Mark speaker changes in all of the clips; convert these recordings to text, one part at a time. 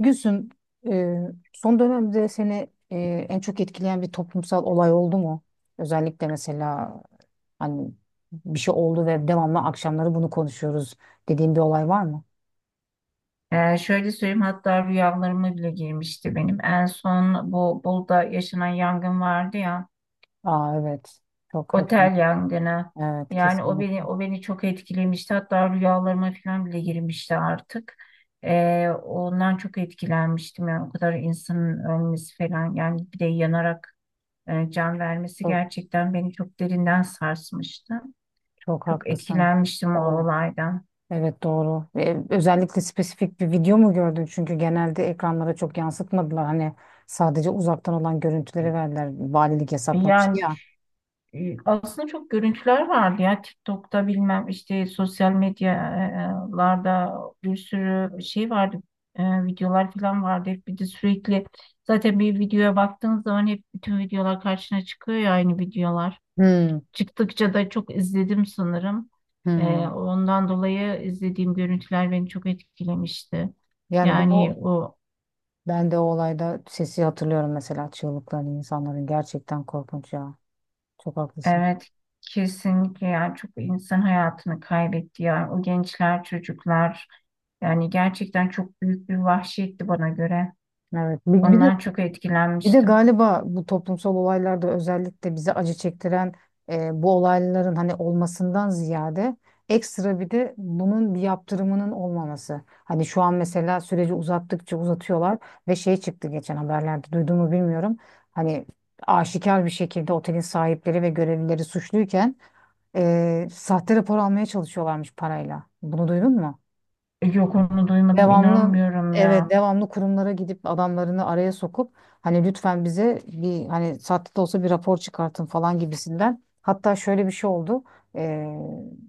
Speaker 1: Gülsüm, e, son dönemde seni en çok etkileyen bir toplumsal olay oldu mu? Özellikle mesela hani bir şey oldu ve devamlı akşamları bunu konuşuyoruz dediğin bir olay var mı?
Speaker 2: Şöyle söyleyeyim, hatta rüyalarıma bile girmişti benim. En son bu Bolu'da yaşanan yangın vardı ya,
Speaker 1: Aa evet. Çok hepimiz.
Speaker 2: otel yangını.
Speaker 1: Evet
Speaker 2: Yani o
Speaker 1: kesinlikle.
Speaker 2: beni o beni çok etkilemişti. Hatta rüyalarıma falan bile girmişti artık. Ondan çok etkilenmiştim. Yani o kadar insanın ölmesi falan, yani bir de yanarak can vermesi
Speaker 1: Çok
Speaker 2: gerçekten beni çok derinden sarsmıştı.
Speaker 1: çok
Speaker 2: Çok
Speaker 1: haklısın.
Speaker 2: etkilenmiştim o
Speaker 1: O
Speaker 2: olaydan.
Speaker 1: evet doğru. Ve özellikle spesifik bir video mu gördün? Çünkü genelde ekranlara çok yansıtmadılar. Hani sadece uzaktan olan görüntüleri verdiler. Valilik yasaklamıştı
Speaker 2: Yani
Speaker 1: ya.
Speaker 2: E, aslında çok görüntüler vardı ya, TikTok'ta bilmem işte sosyal medyalarda bir sürü şey vardı, videolar falan vardı. Bir de sürekli, zaten bir videoya baktığın zaman hep bütün videolar karşına çıkıyor ya, aynı videolar
Speaker 1: Hmm,
Speaker 2: çıktıkça da çok izledim sanırım.
Speaker 1: hmm.
Speaker 2: Ondan dolayı izlediğim görüntüler beni çok etkilemişti.
Speaker 1: Yani ben
Speaker 2: Yani
Speaker 1: o
Speaker 2: o,
Speaker 1: Ben de o olayda sesi hatırlıyorum mesela çığlıkları insanların gerçekten korkunç ya. Çok haklısın.
Speaker 2: evet, kesinlikle, yani çok insan hayatını kaybetti, yani o gençler, çocuklar. Yani gerçekten çok büyük bir vahşetti bana göre.
Speaker 1: Evet. Bir de
Speaker 2: Ondan çok
Speaker 1: bir de
Speaker 2: etkilenmiştim.
Speaker 1: galiba bu toplumsal olaylarda özellikle bize acı çektiren bu olayların hani olmasından ziyade ekstra bir de bunun bir yaptırımının olmaması. Hani şu an mesela süreci uzattıkça uzatıyorlar ve şey çıktı geçen haberlerde duyduğumu bilmiyorum. Hani aşikar bir şekilde otelin sahipleri ve görevlileri suçluyken sahte rapor almaya çalışıyorlarmış parayla. Bunu duydun mu?
Speaker 2: Yok, onu duymadım,
Speaker 1: Devamlı
Speaker 2: inanmıyorum
Speaker 1: evet
Speaker 2: ya.
Speaker 1: devamlı kurumlara gidip adamlarını araya sokup hani lütfen bize bir hani sahte de olsa bir rapor çıkartın falan gibisinden. Hatta şöyle bir şey oldu. E,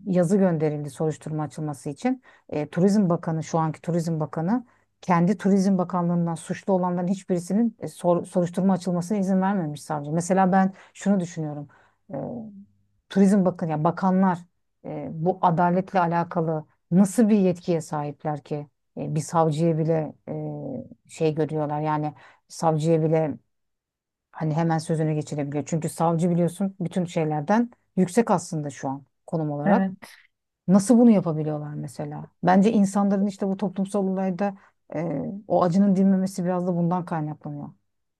Speaker 1: yazı gönderildi soruşturma açılması için. Turizm Bakanı şu anki Turizm Bakanı kendi Turizm Bakanlığından suçlu olanların hiçbirisinin soruşturma açılmasına izin vermemiş savcı. Mesela ben şunu düşünüyorum. Turizm bakın ya bakanlar bu adaletle alakalı nasıl bir yetkiye sahipler ki. Bir savcıya bile şey görüyorlar yani savcıya bile hani hemen sözünü geçirebiliyor. Çünkü savcı biliyorsun bütün şeylerden yüksek aslında şu an konum olarak.
Speaker 2: Evet.
Speaker 1: Nasıl bunu yapabiliyorlar mesela? Bence insanların işte bu toplumsal olayda e, o acının dinmemesi biraz da bundan kaynaklanıyor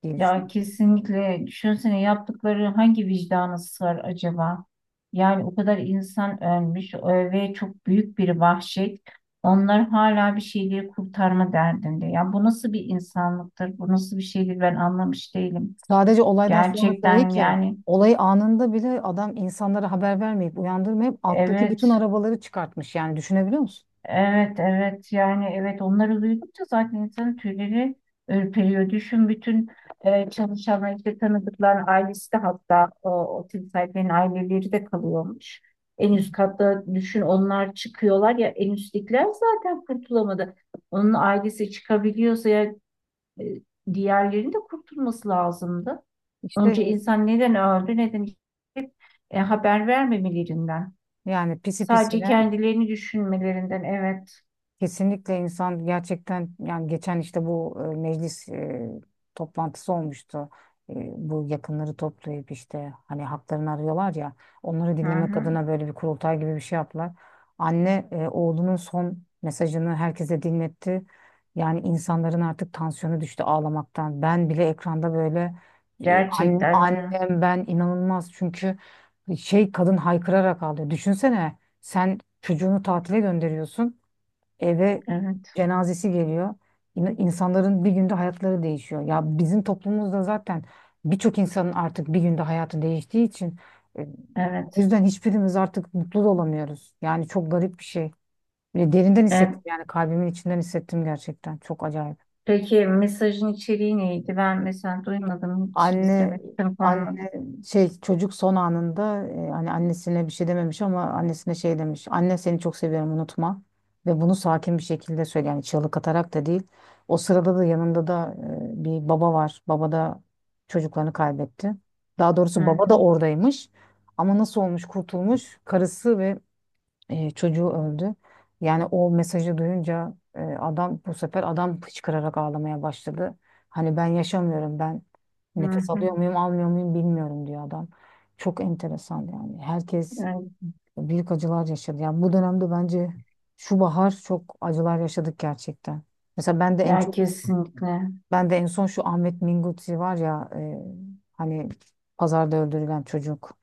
Speaker 1: diye
Speaker 2: Ya
Speaker 1: düşünüyorum.
Speaker 2: kesinlikle, düşünsene yaptıkları hangi vicdana sığar acaba? Yani o kadar insan ölmüş, ve çok büyük bir vahşet. Onlar hala bir şeyleri kurtarma derdinde. Ya bu nasıl bir insanlıktır? Bu nasıl bir şeydir? Ben anlamış değilim.
Speaker 1: Sadece olaydan sonra değil
Speaker 2: Gerçekten
Speaker 1: ki.
Speaker 2: yani,
Speaker 1: Olayı anında bile adam insanlara haber vermeyip uyandırmayıp alttaki bütün
Speaker 2: evet.
Speaker 1: arabaları çıkartmış. Yani düşünebiliyor musun?
Speaker 2: Evet, evet. Yani evet, onları duydukça zaten insanın tüyleri ürperiyor. Düşün, bütün çalışan işte tanıdıkların ailesi de, hatta o otel sahiplerinin aileleri de kalıyormuş. En üst katta düşün, onlar çıkıyorlar ya, en üsttekiler zaten kurtulamadı. Onun ailesi çıkabiliyorsa ya, e, diğerlerinin de kurtulması lazımdı.
Speaker 1: İşte
Speaker 2: Önce insan neden öldü, neden gitti? Haber vermemelerinden.
Speaker 1: yani pisi
Speaker 2: Sadece
Speaker 1: pisine
Speaker 2: kendilerini düşünmelerinden. Evet.
Speaker 1: kesinlikle insan gerçekten yani geçen işte bu meclis toplantısı olmuştu. Bu yakınları toplayıp işte hani haklarını arıyorlar ya onları
Speaker 2: Hı
Speaker 1: dinlemek
Speaker 2: hı.
Speaker 1: adına böyle bir kurultay gibi bir şey yaptılar. Anne oğlunun son mesajını herkese dinletti. Yani insanların artık tansiyonu düştü ağlamaktan. Ben bile ekranda böyle
Speaker 2: Gerçekten mi?
Speaker 1: annem ben inanılmaz çünkü şey kadın haykırarak ağlıyor. Düşünsene sen çocuğunu tatile gönderiyorsun eve
Speaker 2: Evet,
Speaker 1: cenazesi geliyor. İnsanların bir günde hayatları değişiyor. Ya bizim toplumumuzda zaten birçok insanın artık bir günde hayatı değiştiği için e, o
Speaker 2: evet.
Speaker 1: yüzden hiçbirimiz artık mutlu da olamıyoruz. Yani çok garip bir şey. Ve derinden
Speaker 2: E,
Speaker 1: hissettim yani kalbimin içinden hissettim gerçekten. Çok acayip.
Speaker 2: peki mesajın içeriği neydi? Ben mesela duymadım, hiç
Speaker 1: Anne
Speaker 2: izlemek olmadı.
Speaker 1: şey çocuk son anında hani annesine bir şey dememiş ama annesine şey demiş. Anne seni çok seviyorum unutma. Ve bunu sakin bir şekilde söyle yani çığlık atarak da değil. O sırada da yanında da bir baba var. Baba da çocuklarını kaybetti. Daha
Speaker 2: Hı
Speaker 1: doğrusu baba da
Speaker 2: hı,
Speaker 1: oradaymış. Ama nasıl olmuş kurtulmuş? Karısı ve çocuğu öldü. Yani o mesajı duyunca e, adam bu sefer adam hıçkırarak ağlamaya başladı. Hani ben yaşamıyorum ben
Speaker 2: hı
Speaker 1: nefes
Speaker 2: hı.
Speaker 1: alıyor muyum almıyor muyum bilmiyorum diyor adam. Çok enteresan yani herkes
Speaker 2: Evet,
Speaker 1: büyük acılar yaşadı. Yani bu dönemde bence şu bahar çok acılar yaşadık gerçekten. Mesela ben de en
Speaker 2: ya
Speaker 1: çok
Speaker 2: kesinlikle.
Speaker 1: ben de en son şu Ahmet Minguzzi var ya, hani pazarda öldürülen çocuk.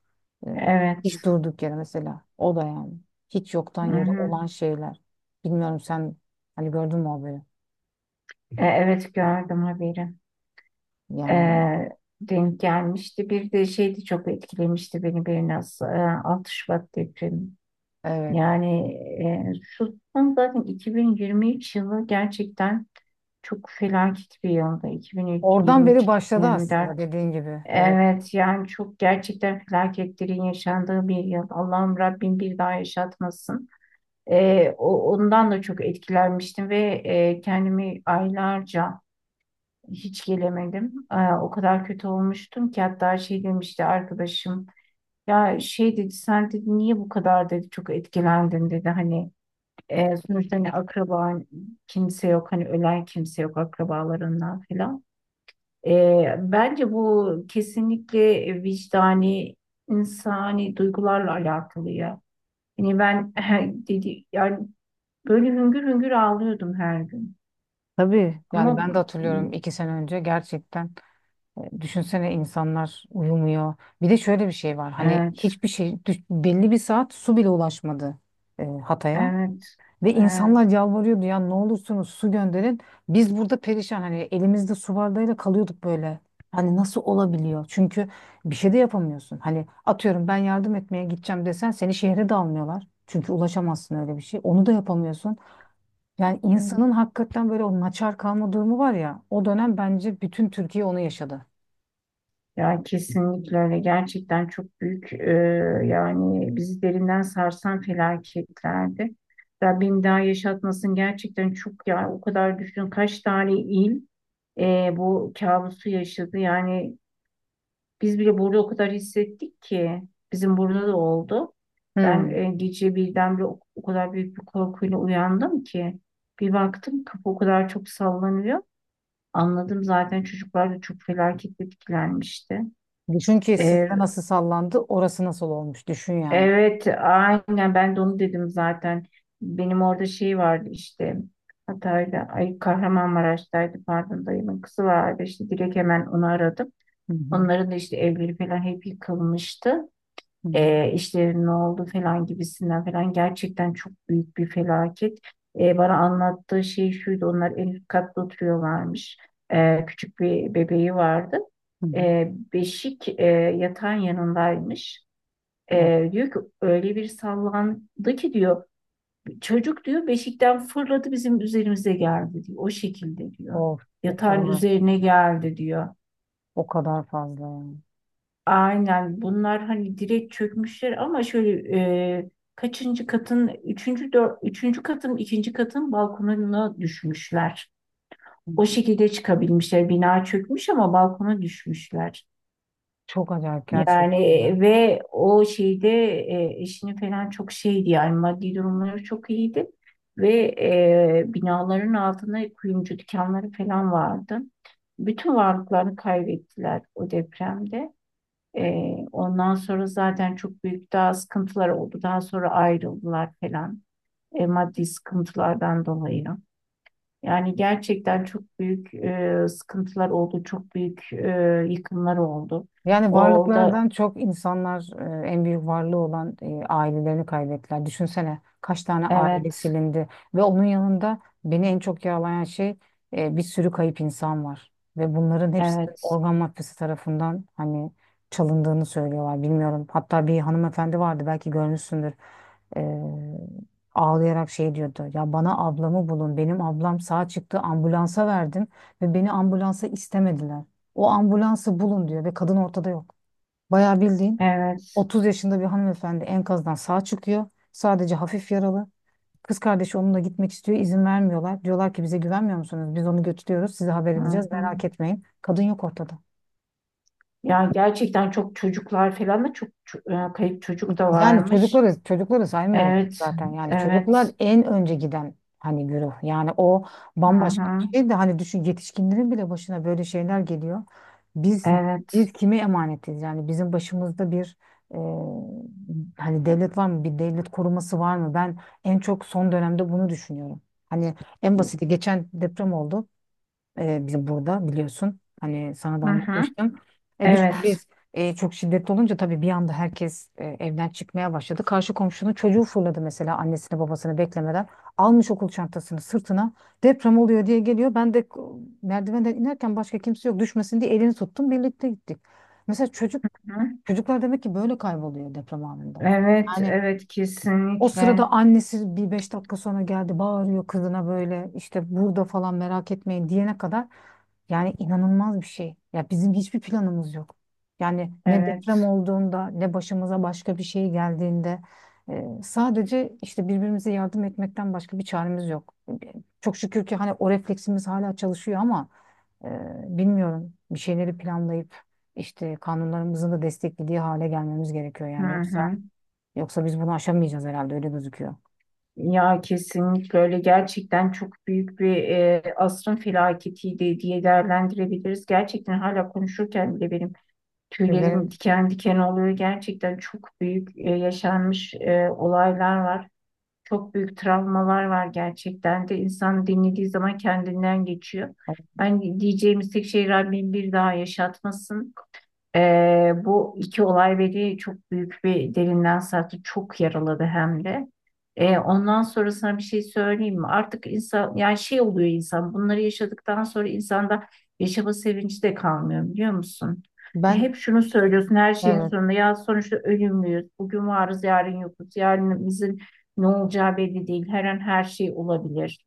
Speaker 1: E,
Speaker 2: Evet.
Speaker 1: Hiç durduk yere mesela. O da yani. Hiç yoktan
Speaker 2: Hı
Speaker 1: yere
Speaker 2: hı.
Speaker 1: olan şeyler. Bilmiyorum sen hani gördün mü o haberi?
Speaker 2: Evet, gördüm haberi. E,
Speaker 1: Yani
Speaker 2: Denk gelmişti. Bir de şeydi, çok etkilemişti beni biraz. 6 Şubat depremi.
Speaker 1: evet.
Speaker 2: Yani şu son zaten 2023 yılı gerçekten çok felaket bir yıldı.
Speaker 1: Oradan beri başladı
Speaker 2: 2023-2024.
Speaker 1: aslında dediğin gibi. Evet.
Speaker 2: Evet, yani çok, gerçekten felaketlerin yaşandığı bir yıl. Allah'ım, Rabbim bir daha yaşatmasın. Ondan da çok etkilenmiştim ve kendimi aylarca hiç gelemedim. O kadar kötü olmuştum ki, hatta şey demişti arkadaşım. Ya şey dedi, sen dedi niye bu kadar dedi çok etkilendin dedi, hani sonuçta hani akraban kimse yok, hani ölen kimse yok akrabalarından falan. Bence bu kesinlikle vicdani, insani duygularla alakalı ya. Yani ben dedi, yani böyle hüngür hüngür ağlıyordum her gün.
Speaker 1: Tabii yani
Speaker 2: Ama
Speaker 1: ben
Speaker 2: bu-
Speaker 1: de hatırlıyorum iki sene önce gerçekten düşünsene insanlar uyumuyor. Bir de şöyle bir şey var hani
Speaker 2: evet,
Speaker 1: hiçbir şey belli bir saat su bile ulaşmadı Hatay'a.
Speaker 2: evet,
Speaker 1: Ve insanlar
Speaker 2: evet.
Speaker 1: yalvarıyordu ya ne olursunuz su gönderin. Biz burada perişan hani elimizde su bardağıyla kalıyorduk böyle. Hani nasıl olabiliyor? Çünkü bir şey de yapamıyorsun. Hani atıyorum ben yardım etmeye gideceğim desen seni şehre de almıyorlar. Çünkü ulaşamazsın öyle bir şey. Onu da yapamıyorsun. Yani
Speaker 2: Evet.
Speaker 1: insanın hakikaten böyle o naçar kalma durumu var ya. O dönem bence bütün Türkiye onu yaşadı.
Speaker 2: Ya kesinlikle öyle. Gerçekten çok büyük, yani bizi derinden sarsan felaketlerdi. Rabbim daha yaşatmasın, gerçekten çok ya, o kadar düşün kaç tane il bu kabusu yaşadı. Yani biz bile burada o kadar hissettik ki, bizim burada da oldu. Ben
Speaker 1: Hmm.
Speaker 2: gece birdenbire o kadar büyük bir korkuyla uyandım ki, bir baktım kapı o kadar çok sallanıyor. Anladım, zaten çocuklar da çok felaket etkilenmişti.
Speaker 1: Düşün ki
Speaker 2: E,
Speaker 1: sizde nasıl sallandı, orası nasıl olmuş. Düşün yani.
Speaker 2: evet, aynen ben de onu dedim zaten. Benim orada şey vardı işte Hatay'da, ay Kahramanmaraş'taydı pardon, dayımın kızı vardı, işte direkt hemen onu aradım.
Speaker 1: Hı hı,
Speaker 2: Onların da işte evleri falan hep yıkılmıştı.
Speaker 1: hı hı,
Speaker 2: İşlerin ne oldu falan gibisinden falan, gerçekten çok büyük bir felaket. Bana anlattığı şey şuydu, onlar en üst katta oturuyorlarmış. Küçük bir bebeği vardı.
Speaker 1: hı hı.
Speaker 2: Beşik yatağın yanındaymış.
Speaker 1: Evet.
Speaker 2: Diyor ki öyle bir sallandı ki diyor, çocuk diyor beşikten fırladı bizim üzerimize geldi diyor. O şekilde diyor.
Speaker 1: Of, o
Speaker 2: Yatağın
Speaker 1: kadar.
Speaker 2: üzerine geldi diyor.
Speaker 1: O kadar fazla yani.
Speaker 2: Aynen, bunlar hani direkt çökmüşler ama şöyle, e, kaçıncı katın üçüncü, üçüncü katın, ikinci katın balkonuna düşmüşler.
Speaker 1: Hı.
Speaker 2: O şekilde çıkabilmişler. Bina çökmüş ama balkona düşmüşler.
Speaker 1: Çok acayip
Speaker 2: Yani
Speaker 1: gerçekten ya.
Speaker 2: ve o şeyde eşini falan çok şeydi, yani maddi durumları çok iyiydi. Ve binaların altında kuyumcu dükkanları falan vardı. Bütün varlıklarını kaybettiler o depremde. Ondan sonra zaten çok büyük daha sıkıntılar oldu. Daha sonra ayrıldılar falan. Maddi sıkıntılardan dolayı. Yani gerçekten çok büyük sıkıntılar oldu. Çok büyük yıkımlar oldu.
Speaker 1: Yani
Speaker 2: O da
Speaker 1: varlıklardan çok insanlar en büyük varlığı olan ailelerini kaybettiler. Düşünsene kaç tane aile
Speaker 2: evet,
Speaker 1: silindi ve onun yanında beni en çok yaralayan şey bir sürü kayıp insan var ve bunların hepsi
Speaker 2: evet,
Speaker 1: organ mafyası tarafından hani çalındığını söylüyorlar. Bilmiyorum. Hatta bir hanımefendi vardı belki görmüşsündür. E, ağlayarak şey diyordu. Ya bana ablamı bulun. Benim ablam sağ çıktı ambulansa verdim ve beni ambulansa istemediler. O ambulansı bulun diyor ve kadın ortada yok. Bayağı bildiğin
Speaker 2: evet.
Speaker 1: 30 yaşında bir hanımefendi enkazdan sağ çıkıyor. Sadece hafif yaralı. Kız kardeşi onunla gitmek istiyor. İzin vermiyorlar. Diyorlar ki bize güvenmiyor musunuz? Biz onu götürüyoruz. Size haber
Speaker 2: Hı
Speaker 1: edeceğiz.
Speaker 2: hı.
Speaker 1: Merak etmeyin. Kadın yok ortada.
Speaker 2: Ya gerçekten çok, çocuklar falan da çok kayıp çocuk da varmış.
Speaker 1: Çocukları saymıyorum
Speaker 2: Evet,
Speaker 1: zaten. Yani çocuklar
Speaker 2: evet.
Speaker 1: en önce giden hani güruh. Yani o
Speaker 2: Hı
Speaker 1: bambaşka
Speaker 2: hı.
Speaker 1: bir şey de hani düşün yetişkinlerin bile başına böyle şeyler geliyor. Biz biz
Speaker 2: Evet.
Speaker 1: kime emanetiz? Yani bizim başımızda bir e, hani devlet var mı? Bir devlet koruması var mı? Ben en çok son dönemde bunu düşünüyorum. Hani en basiti geçen deprem oldu. Bizim burada biliyorsun. Hani sana da
Speaker 2: Hı hı.
Speaker 1: anlatmıştım. Düşün
Speaker 2: Evet.
Speaker 1: biz çok şiddetli olunca tabii bir anda herkes evden çıkmaya başladı. Karşı komşunun çocuğu fırladı mesela annesini babasını beklemeden. Almış okul çantasını sırtına. Deprem oluyor diye geliyor. Ben de merdivenden inerken başka kimse yok düşmesin diye elini tuttum. Birlikte gittik. Mesela çocuklar demek ki böyle kayboluyor deprem anında.
Speaker 2: Evet,
Speaker 1: Yani
Speaker 2: evet,
Speaker 1: o
Speaker 2: kesinlikle.
Speaker 1: sırada annesi bir beş dakika sonra geldi bağırıyor kızına böyle işte burada falan merak etmeyin diyene kadar yani inanılmaz bir şey. Ya bizim hiçbir planımız yok. Yani ne deprem
Speaker 2: Evet.
Speaker 1: olduğunda ne başımıza başka bir şey geldiğinde sadece işte birbirimize yardım etmekten başka bir çaremiz yok. E, Çok şükür ki hani o refleksimiz hala çalışıyor ama bilmiyorum bir şeyleri planlayıp işte kanunlarımızın da desteklediği hale gelmemiz gerekiyor
Speaker 2: Hı
Speaker 1: yani yoksa
Speaker 2: hı.
Speaker 1: yoksa biz bunu aşamayacağız herhalde öyle gözüküyor.
Speaker 2: Ya kesinlikle öyle, gerçekten çok büyük bir asrın felaketiydi diye değerlendirebiliriz. Gerçekten hala konuşurken bile benim tüylerim
Speaker 1: Tüylerim-
Speaker 2: diken diken oluyor. Gerçekten çok büyük yaşanmış olaylar var. Çok büyük travmalar var gerçekten de. İnsan dinlediği zaman kendinden geçiyor. Ben diyeceğimiz tek şey, Rabbim bir daha yaşatmasın. Bu iki olay beni çok büyük bir derinden sarktı. Çok yaraladı hem de. Ondan sonrasına bir şey söyleyeyim mi? Artık insan, yani şey oluyor, insan bunları yaşadıktan sonra insanda yaşama sevinci de kalmıyor, biliyor musun?
Speaker 1: Ben
Speaker 2: Hep şunu söylüyorsun, her şeyin
Speaker 1: evet
Speaker 2: sonunda ya sonuçta ölümlüyüz. Bugün varız, yarın yokuz. Yarınımızın ne olacağı belli değil. Her an her şey olabilir.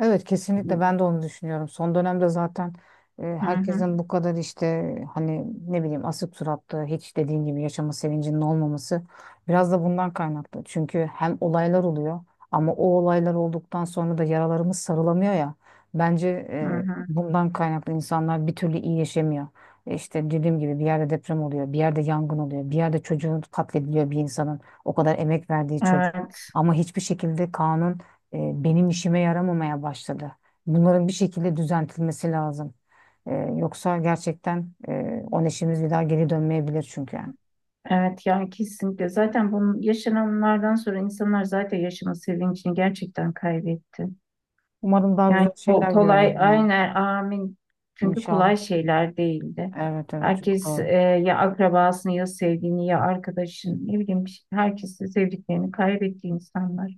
Speaker 1: Evet kesinlikle ben de onu düşünüyorum. Son dönemde zaten
Speaker 2: Hı hı,
Speaker 1: herkesin bu kadar işte hani ne bileyim asık suratlı hiç dediğin gibi yaşama sevincinin olmaması biraz da bundan kaynaklı. Çünkü hem olaylar oluyor ama o olaylar olduktan sonra da yaralarımız sarılamıyor ya. Bence
Speaker 2: hı hı.
Speaker 1: bundan kaynaklı insanlar bir türlü iyileşemiyor. İşte dediğim gibi bir yerde deprem oluyor, bir yerde yangın oluyor, bir yerde çocuğun katlediliyor bir insanın o kadar emek verdiği çocuğu.
Speaker 2: Evet.
Speaker 1: Ama hiçbir şekilde kanun e, benim işime yaramamaya başladı. Bunların bir şekilde düzeltilmesi lazım. Yoksa gerçekten o neşemiz bir daha geri dönmeyebilir çünkü.
Speaker 2: Evet ya, kesinlikle. Zaten bunun yaşananlardan sonra insanlar zaten yaşama sevincini gerçekten kaybetti.
Speaker 1: Umarım daha
Speaker 2: Yani
Speaker 1: güzel şeyler
Speaker 2: kolay,
Speaker 1: görürüz ya.
Speaker 2: aynen amin. Çünkü
Speaker 1: İnşallah.
Speaker 2: kolay şeyler değildi.
Speaker 1: Evet evet çok
Speaker 2: Herkes
Speaker 1: doğru.
Speaker 2: ya akrabasını, ya sevdiğini, ya arkadaşını, ne bileyim herkesi, sevdiklerini kaybetti insanlar.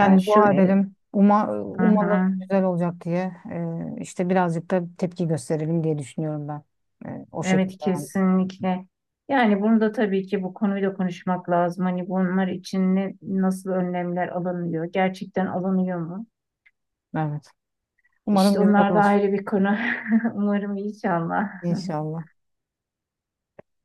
Speaker 2: Yani şu,
Speaker 1: dua edelim.
Speaker 2: hı
Speaker 1: Umalım
Speaker 2: hı,
Speaker 1: güzel olacak diye. İşte birazcık da tepki gösterelim diye düşünüyorum ben. O şekilde
Speaker 2: evet
Speaker 1: yani.
Speaker 2: kesinlikle. Yani bunu da tabii ki, bu konuyu da konuşmak lazım. Hani bunlar için ne, nasıl önlemler alınıyor? Gerçekten alınıyor mu?
Speaker 1: Evet. Umarım
Speaker 2: İşte
Speaker 1: güzel
Speaker 2: onlar da
Speaker 1: olsun.
Speaker 2: ayrı bir konu. Umarım, inşallah.
Speaker 1: İnşallah.